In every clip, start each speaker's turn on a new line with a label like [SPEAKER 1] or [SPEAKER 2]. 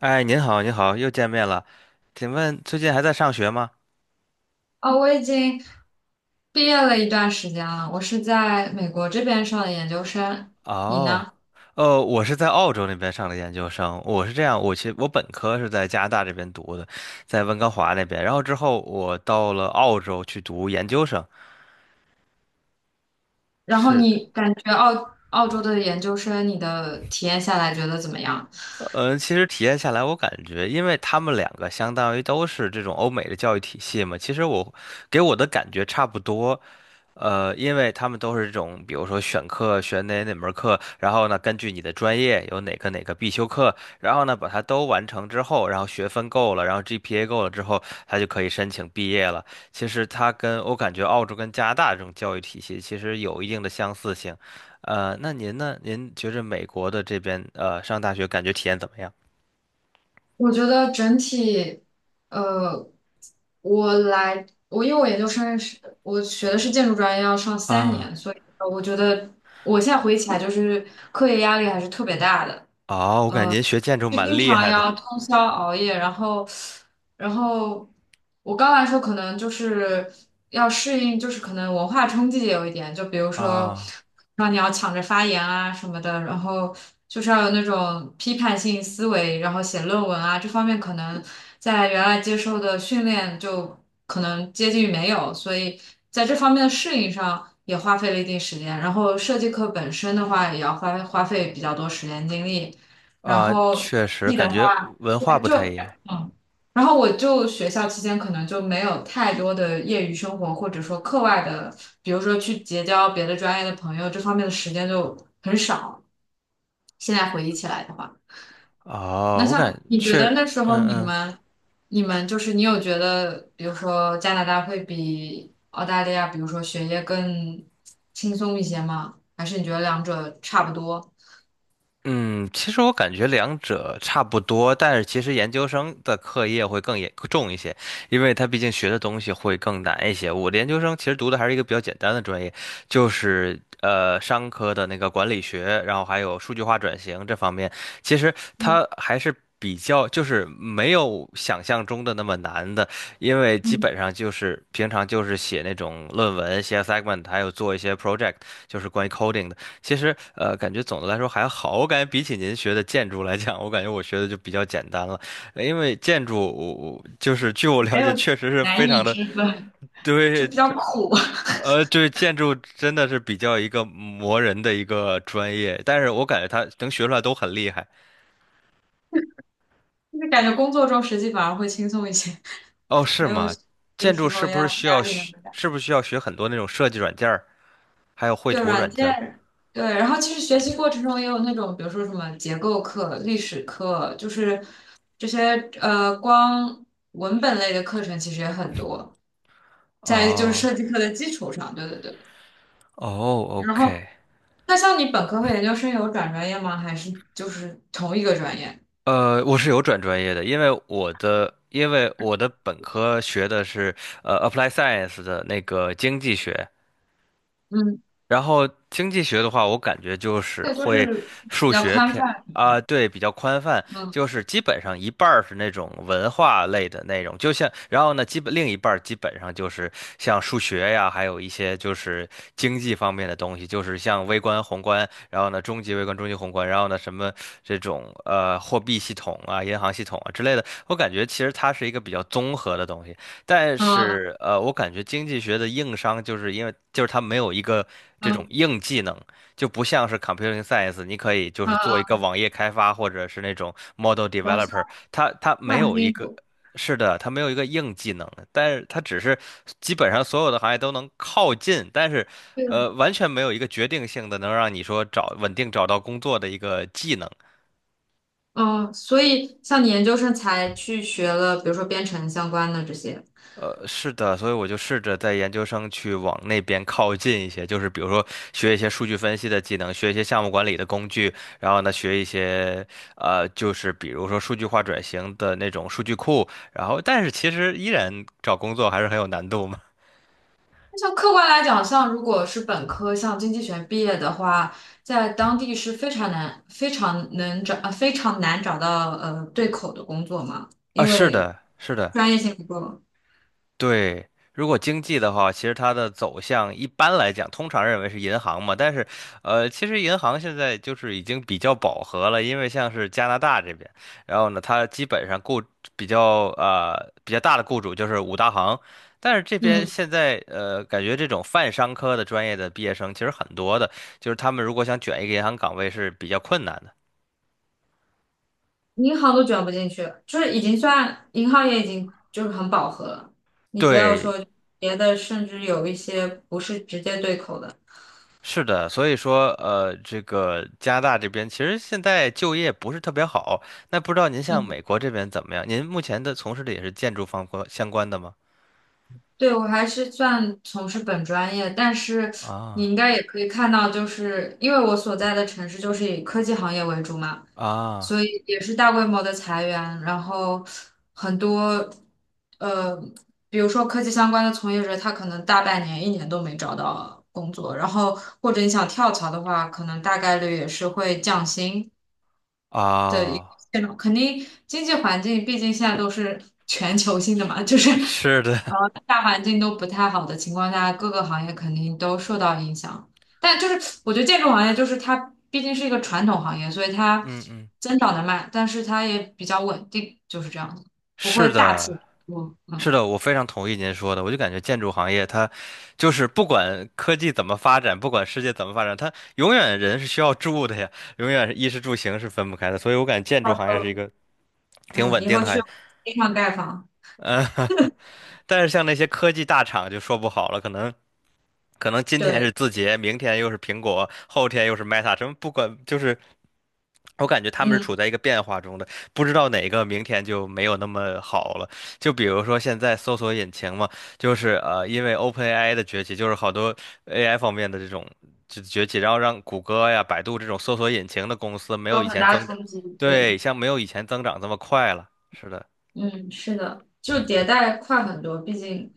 [SPEAKER 1] 哎，您好，您好，又见面了。请问最近还在上学吗？
[SPEAKER 2] 哦，我已经毕业了一段时间了，我是在美国这边上的研究生，你
[SPEAKER 1] 哦，
[SPEAKER 2] 呢？
[SPEAKER 1] 哦，我是在澳洲那边上的研究生。我是这样，我其实我本科是在加拿大这边读的，在温哥华那边。然后之后我到了澳洲去读研究生。
[SPEAKER 2] 然后
[SPEAKER 1] 是，
[SPEAKER 2] 你感觉澳洲的研究生，你的体验下来觉得怎么样？
[SPEAKER 1] 其实体验下来，我感觉，因为他们两个相当于都是这种欧美的教育体系嘛，其实我给我的感觉差不多。因为他们都是这种，比如说选课选哪门课，然后呢，根据你的专业有哪个必修课，然后呢，把它都完成之后，然后学分够了，然后 GPA 够了之后，他就可以申请毕业了。其实它跟我感觉澳洲跟加拿大这种教育体系其实有一定的相似性。那您呢？您觉着美国的这边上大学感觉体验怎么样？
[SPEAKER 2] 我觉得整体，呃，我因为我研究生是学的是建筑专业，要上三年，
[SPEAKER 1] 啊，
[SPEAKER 2] 所以我觉得我现在回忆起来，就是课业压力还是特别大的。
[SPEAKER 1] 哦，我感觉您学建筑
[SPEAKER 2] 就
[SPEAKER 1] 蛮
[SPEAKER 2] 经
[SPEAKER 1] 厉
[SPEAKER 2] 常
[SPEAKER 1] 害的
[SPEAKER 2] 要通宵熬夜，然后，然后我刚来说可能就是要适应，就是可能文化冲击也有一点，就比如说
[SPEAKER 1] 啊
[SPEAKER 2] 让你要抢着发言啊什么的，然后就是要有那种批判性思维，然后写论文啊这方面可能在原来接受的训练就可能接近于没有，所以在这方面的适应上也花费了一定时间，然后设计课本身的话也要花费比较多时间精力。然
[SPEAKER 1] 啊，
[SPEAKER 2] 后
[SPEAKER 1] 确实
[SPEAKER 2] T 的
[SPEAKER 1] 感觉
[SPEAKER 2] 话，
[SPEAKER 1] 文化
[SPEAKER 2] 对，
[SPEAKER 1] 不
[SPEAKER 2] 就
[SPEAKER 1] 太一样。
[SPEAKER 2] 嗯，然后我就学校期间可能就没有太多的业余生活，或者说课外的，比如说去结交别的专业的朋友，这方面的时间就很少。现在回忆起来的话，那
[SPEAKER 1] 哦，我感
[SPEAKER 2] 像你觉
[SPEAKER 1] 确，
[SPEAKER 2] 得那时候
[SPEAKER 1] 嗯
[SPEAKER 2] 你
[SPEAKER 1] 嗯
[SPEAKER 2] 们，你有觉得，比如说加拿大会比澳大利亚，比如说学业更轻松一些吗？还是你觉得两者差不多？
[SPEAKER 1] 嗯，其实我感觉两者差不多，但是其实研究生的课业会更严重一些，因为他毕竟学的东西会更难一些。我的研究生其实读的还是一个比较简单的专业，就是商科的那个管理学，然后还有数据化转型这方面。其实
[SPEAKER 2] 嗯
[SPEAKER 1] 它还是比较，就是没有想象中的那么难的，因为基
[SPEAKER 2] 嗯，
[SPEAKER 1] 本上就是平常就是写那种论文、写 segment，还有做一些 project，就是关于 coding 的。其实感觉总的来说还好，我感觉比起您学的建筑来讲，我感觉我学的就比较简单了，因为建筑我就是据我了
[SPEAKER 2] 没
[SPEAKER 1] 解，
[SPEAKER 2] 有
[SPEAKER 1] 确实是非
[SPEAKER 2] 难易
[SPEAKER 1] 常的，
[SPEAKER 2] 之分。就
[SPEAKER 1] 对。
[SPEAKER 2] 比较苦，
[SPEAKER 1] 对，建筑真的是比较一个磨人的一个专业，但是我感觉他能学出来都很厉害。
[SPEAKER 2] 就是感觉工作中实际反而会轻松一些，
[SPEAKER 1] 哦，是
[SPEAKER 2] 没有
[SPEAKER 1] 吗？
[SPEAKER 2] 那
[SPEAKER 1] 建筑
[SPEAKER 2] 时
[SPEAKER 1] 是
[SPEAKER 2] 候
[SPEAKER 1] 不是
[SPEAKER 2] 压
[SPEAKER 1] 需
[SPEAKER 2] 压
[SPEAKER 1] 要
[SPEAKER 2] 力那么
[SPEAKER 1] 学，
[SPEAKER 2] 大。
[SPEAKER 1] 很多那种设计软件儿，还有绘
[SPEAKER 2] 对
[SPEAKER 1] 图
[SPEAKER 2] 软
[SPEAKER 1] 软件儿？
[SPEAKER 2] 件，对，然后其实学习过程中也有那种，比如说什么结构课、历史课，就是这些光文本类的课程其实也很多，在就是
[SPEAKER 1] 哦，
[SPEAKER 2] 设计课的基础上，对对对。
[SPEAKER 1] 哦
[SPEAKER 2] 然后
[SPEAKER 1] ，OK，
[SPEAKER 2] 那像你本科和研究生有转专业吗？还是就是同一个专业？
[SPEAKER 1] 我是有转专业的，因为我的本科学的是Apply Science 的那个经济学，
[SPEAKER 2] 嗯，
[SPEAKER 1] 然后经济学的话，我感觉就
[SPEAKER 2] 这
[SPEAKER 1] 是
[SPEAKER 2] 个都
[SPEAKER 1] 会
[SPEAKER 2] 是
[SPEAKER 1] 数
[SPEAKER 2] 比较
[SPEAKER 1] 学
[SPEAKER 2] 宽
[SPEAKER 1] 偏
[SPEAKER 2] 泛。
[SPEAKER 1] 啊，对，比较宽泛，
[SPEAKER 2] 嗯
[SPEAKER 1] 就是基本上一半儿是那种文化类的内容，就像，然后呢，基本另一半儿基本上就是像数学呀，还有一些就是经济方面的东西，就是像微观、宏观，然后呢，中级微观、中级宏观，然后呢，什么这种货币系统啊、银行系统啊之类的，我感觉其实它是一个比较综合的东西。但
[SPEAKER 2] 嗯嗯
[SPEAKER 1] 是我感觉经济学的硬伤就是因为就是它没有一个这
[SPEAKER 2] 嗯，
[SPEAKER 1] 种
[SPEAKER 2] 嗯，
[SPEAKER 1] 硬技能，就不像是 computing science，你可以就是做一
[SPEAKER 2] 嗯
[SPEAKER 1] 个网页开发或者是那种 model
[SPEAKER 2] 然后。
[SPEAKER 1] developer，它没
[SPEAKER 2] 万
[SPEAKER 1] 有
[SPEAKER 2] 金
[SPEAKER 1] 一个。
[SPEAKER 2] 油。
[SPEAKER 1] 是的，它没有一个硬技能，但是它只是基本上所有的行业都能靠近，但是，
[SPEAKER 2] 对的。
[SPEAKER 1] 完全没有一个决定性的能让你说找稳定找到工作的一个技能。
[SPEAKER 2] 哦，所以像你研究生才去学了，比如说编程相关的这些。
[SPEAKER 1] 是的，所以我就试着在研究生去往那边靠近一些，就是比如说学一些数据分析的技能，学一些项目管理的工具，然后呢，学一些就是比如说数据化转型的那种数据库，然后但是其实依然找工作还是很有难度嘛。
[SPEAKER 2] 那像客观来讲，像如果是本科，像经济学毕业的话，在当地是非常难、非常能找、非常难找到对口的工作嘛，
[SPEAKER 1] 啊，
[SPEAKER 2] 因
[SPEAKER 1] 是
[SPEAKER 2] 为
[SPEAKER 1] 的，是的。
[SPEAKER 2] 专业性不够。
[SPEAKER 1] 对，如果经济的话，其实它的走向一般来讲，通常认为是银行嘛，但是，其实银行现在就是已经比较饱和了，因为像是加拿大这边，然后呢，它基本上比较大的雇主就是五大行，但是这边
[SPEAKER 2] 嗯，
[SPEAKER 1] 现在感觉这种泛商科的专业的毕业生其实很多的，就是他们如果想卷一个银行岗位是比较困难的。
[SPEAKER 2] 银行都卷不进去，就是已经算银行也已经就是很饱和了。你不要
[SPEAKER 1] 对，
[SPEAKER 2] 说别的，甚至有一些不是直接对口的。
[SPEAKER 1] 是的，所以说，这个加拿大这边其实现在就业不是特别好。那不知道您像
[SPEAKER 2] 嗯。
[SPEAKER 1] 美国这边怎么样？您目前的从事的也是建筑方关相关的吗？
[SPEAKER 2] 对，我还是算从事本专业，但是你
[SPEAKER 1] 啊
[SPEAKER 2] 应该也可以看到，就是因为我所在的城市就是以科技行业为主嘛，
[SPEAKER 1] 啊
[SPEAKER 2] 所以也是大规模的裁员，然后很多呃，比如说科技相关的从业者，他可能大半年、一年都没找到工作，然后或者你想跳槽的话，可能大概率也是会降薪。的一个
[SPEAKER 1] 啊！
[SPEAKER 2] 现状，肯定经济环境毕竟现在都是全球性的嘛，就是
[SPEAKER 1] 是的，
[SPEAKER 2] 呃大环境都不太好的情况下，各个行业肯定都受到影响。但就是我觉得建筑行业就是它毕竟是一个传统行业，所以 它
[SPEAKER 1] 嗯嗯，
[SPEAKER 2] 增长的慢，但是它也比较稳定，就是这样子，不会
[SPEAKER 1] 是
[SPEAKER 2] 大起
[SPEAKER 1] 的，
[SPEAKER 2] 大落。
[SPEAKER 1] 是
[SPEAKER 2] 嗯，
[SPEAKER 1] 的，我非常同意您说的。我就感觉建筑行业它就是不管科技怎么发展，不管世界怎么发展，它永远人是需要住的呀，永远是衣食住行是分不开的。所以我感觉建
[SPEAKER 2] 到
[SPEAKER 1] 筑
[SPEAKER 2] 时
[SPEAKER 1] 行业是一
[SPEAKER 2] 候
[SPEAKER 1] 个挺
[SPEAKER 2] 嗯
[SPEAKER 1] 稳
[SPEAKER 2] 以
[SPEAKER 1] 定
[SPEAKER 2] 后
[SPEAKER 1] 的行
[SPEAKER 2] 去
[SPEAKER 1] 业。
[SPEAKER 2] 地上盖房，
[SPEAKER 1] 嗯但是像那些科技大厂就说不好了，可能今天是
[SPEAKER 2] 对，
[SPEAKER 1] 字节，明天又是苹果，后天又是 Meta，什么不管就是。我感觉他们是
[SPEAKER 2] 嗯，
[SPEAKER 1] 处在一个变化中的，不知道哪个明天就没有那么好了。就比如说现在搜索引擎嘛，就是因为 OpenAI 的崛起，就是好多 AI 方面的这种就崛起，然后让谷歌呀、百度这种搜索引擎的公司没有
[SPEAKER 2] 有
[SPEAKER 1] 以
[SPEAKER 2] 很
[SPEAKER 1] 前
[SPEAKER 2] 大
[SPEAKER 1] 增，
[SPEAKER 2] 冲击，
[SPEAKER 1] 对，
[SPEAKER 2] 对。
[SPEAKER 1] 像没有以前增长这么快了。是的，
[SPEAKER 2] 嗯，是的，就迭代快很多，毕竟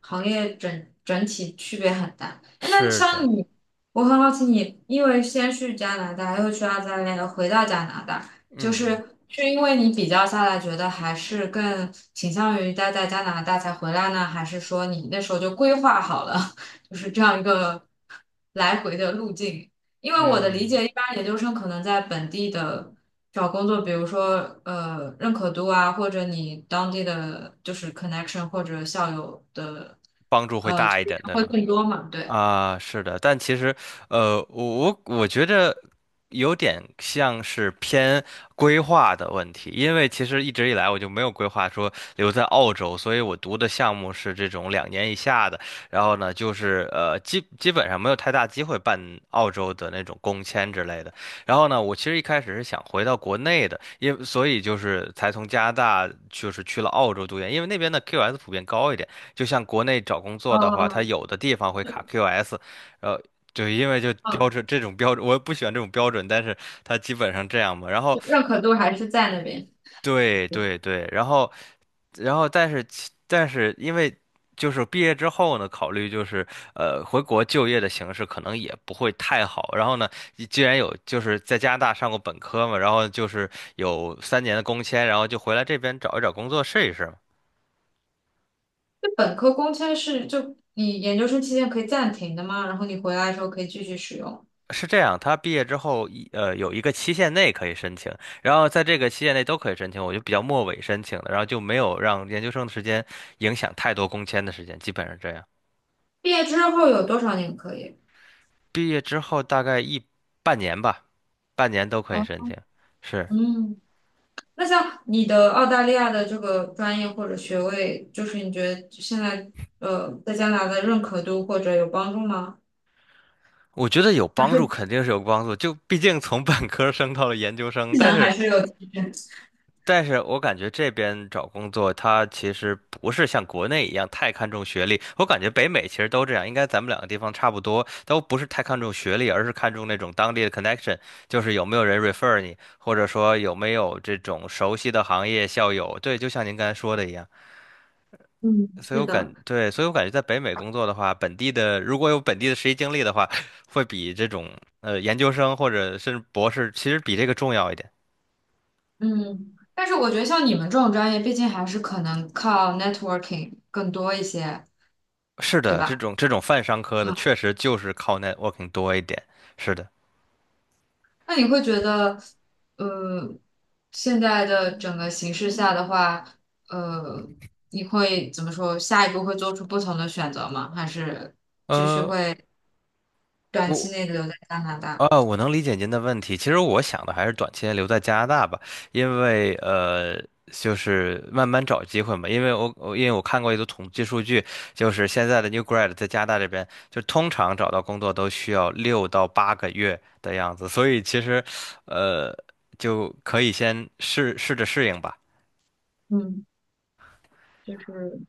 [SPEAKER 2] 行业整体区别很大。哎，那
[SPEAKER 1] 是
[SPEAKER 2] 像
[SPEAKER 1] 的，
[SPEAKER 2] 你，我很好奇你，因为先去加拿大，又去澳大利亚，又回到加拿大，就是
[SPEAKER 1] 嗯
[SPEAKER 2] 是因为你比较下来，觉得还是更倾向于待在加拿大才回来呢，还是说你那时候就规划好了，就是这样一个来回的路径？因
[SPEAKER 1] 嗯
[SPEAKER 2] 为我的理解，
[SPEAKER 1] 嗯。
[SPEAKER 2] 一般研究生可能在本地的。找工作，比如说认可度啊，或者你当地的就是 connection 或者校友的
[SPEAKER 1] 帮助会大
[SPEAKER 2] 推
[SPEAKER 1] 一
[SPEAKER 2] 荐
[SPEAKER 1] 点，对
[SPEAKER 2] 会
[SPEAKER 1] 吗？
[SPEAKER 2] 更多嘛？对，
[SPEAKER 1] 啊，是的，但其实，我觉得有点像是偏规划的问题，因为其实一直以来我就没有规划说留在澳洲，所以我读的项目是这种2年以下的，然后呢，就是基本上没有太大机会办澳洲的那种工签之类的。然后呢，我其实一开始是想回到国内的，所以就是才从加拿大就是去了澳洲读研，因为那边的 QS 普遍高一点。就像国内找工作的话，它
[SPEAKER 2] 呃，
[SPEAKER 1] 有的地方会卡
[SPEAKER 2] 对
[SPEAKER 1] QS，呃，就因为就
[SPEAKER 2] 嗯，
[SPEAKER 1] 标准这种标准，我也不喜欢这种标准，但是它基本上这样嘛。然后，
[SPEAKER 2] 就认可度还是在那边。
[SPEAKER 1] 对对对，然后但是因为就是毕业之后呢，考虑就是回国就业的形式可能也不会太好。然后呢，你既然有就是在加拿大上过本科嘛，然后就是有3年的工签，然后就回来这边找一找工作试一试嘛。
[SPEAKER 2] 就本科工签是就你研究生期间可以暂停的吗？然后你回来的时候可以继续使用。
[SPEAKER 1] 是这样，他毕业之后有一个期限内可以申请，然后在这个期限内都可以申请，我就比较末尾申请的，然后就没有让研究生的时间影响太多工签的时间，基本上这样。
[SPEAKER 2] 毕业之后有多少年可以？
[SPEAKER 1] 毕业之后大概半年吧，半年都可以
[SPEAKER 2] 哦，
[SPEAKER 1] 申请。是，
[SPEAKER 2] 嗯，那像你的澳大利亚的这个专业或者学位，就是你觉得现在在加拿大的认可度或者有帮助吗？
[SPEAKER 1] 我觉得有
[SPEAKER 2] 还
[SPEAKER 1] 帮助，
[SPEAKER 2] 是？
[SPEAKER 1] 肯定是有帮助。就毕竟从本科生到了研究生，
[SPEAKER 2] 技
[SPEAKER 1] 但
[SPEAKER 2] 能
[SPEAKER 1] 是
[SPEAKER 2] 还是有提升。
[SPEAKER 1] 我感觉这边找工作，它其实不是像国内一样太看重学历。我感觉北美其实都这样，应该咱们两个地方差不多，都不是太看重学历，而是看重那种当地的 connection，就是有没有人 refer 你，或者说有没有这种熟悉的行业校友。对，就像您刚才说的一样，
[SPEAKER 2] 嗯，
[SPEAKER 1] 所以
[SPEAKER 2] 是
[SPEAKER 1] 我感，
[SPEAKER 2] 的，
[SPEAKER 1] 对，所以我感觉在北美工作的话，本地的如果有本地的实习经历的话，会比这种研究生或者甚至博士，其实比这个重要一点。
[SPEAKER 2] 嗯，但是我觉得像你们这种专业，毕竟还是可能靠 networking 更多一些，
[SPEAKER 1] 是
[SPEAKER 2] 对
[SPEAKER 1] 的，这
[SPEAKER 2] 吧？
[SPEAKER 1] 种这种泛商科的
[SPEAKER 2] 嗯，
[SPEAKER 1] 确实就是靠 networking 多一点。是的，
[SPEAKER 2] 那你会觉得，呃，现在的整个形势下的话，呃，你会怎么说？下一步会做出不同的选择吗？还是
[SPEAKER 1] 呃，
[SPEAKER 2] 短期
[SPEAKER 1] 我
[SPEAKER 2] 内留在加拿大？
[SPEAKER 1] 啊，我能理解您的问题。其实我想的还是短期内留在加拿大吧，因为就是慢慢找机会嘛。因为我看过一组统计数据，就是现在的 new grad 在加拿大这边，就通常找到工作都需要6到8个月的样子，所以其实呃，就可以先试试着适应吧。
[SPEAKER 2] 嗯，就是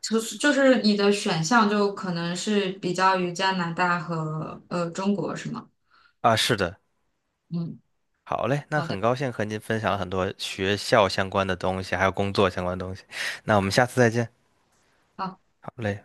[SPEAKER 2] 就是你的选项就可能是比较于加拿大和中国，是吗？
[SPEAKER 1] 啊，是的。
[SPEAKER 2] 嗯，
[SPEAKER 1] 好嘞，那
[SPEAKER 2] 好的。
[SPEAKER 1] 很高兴和您分享了很多学校相关的东西，还有工作相关的东西。那我们下次再见。
[SPEAKER 2] 好，
[SPEAKER 1] 好嘞。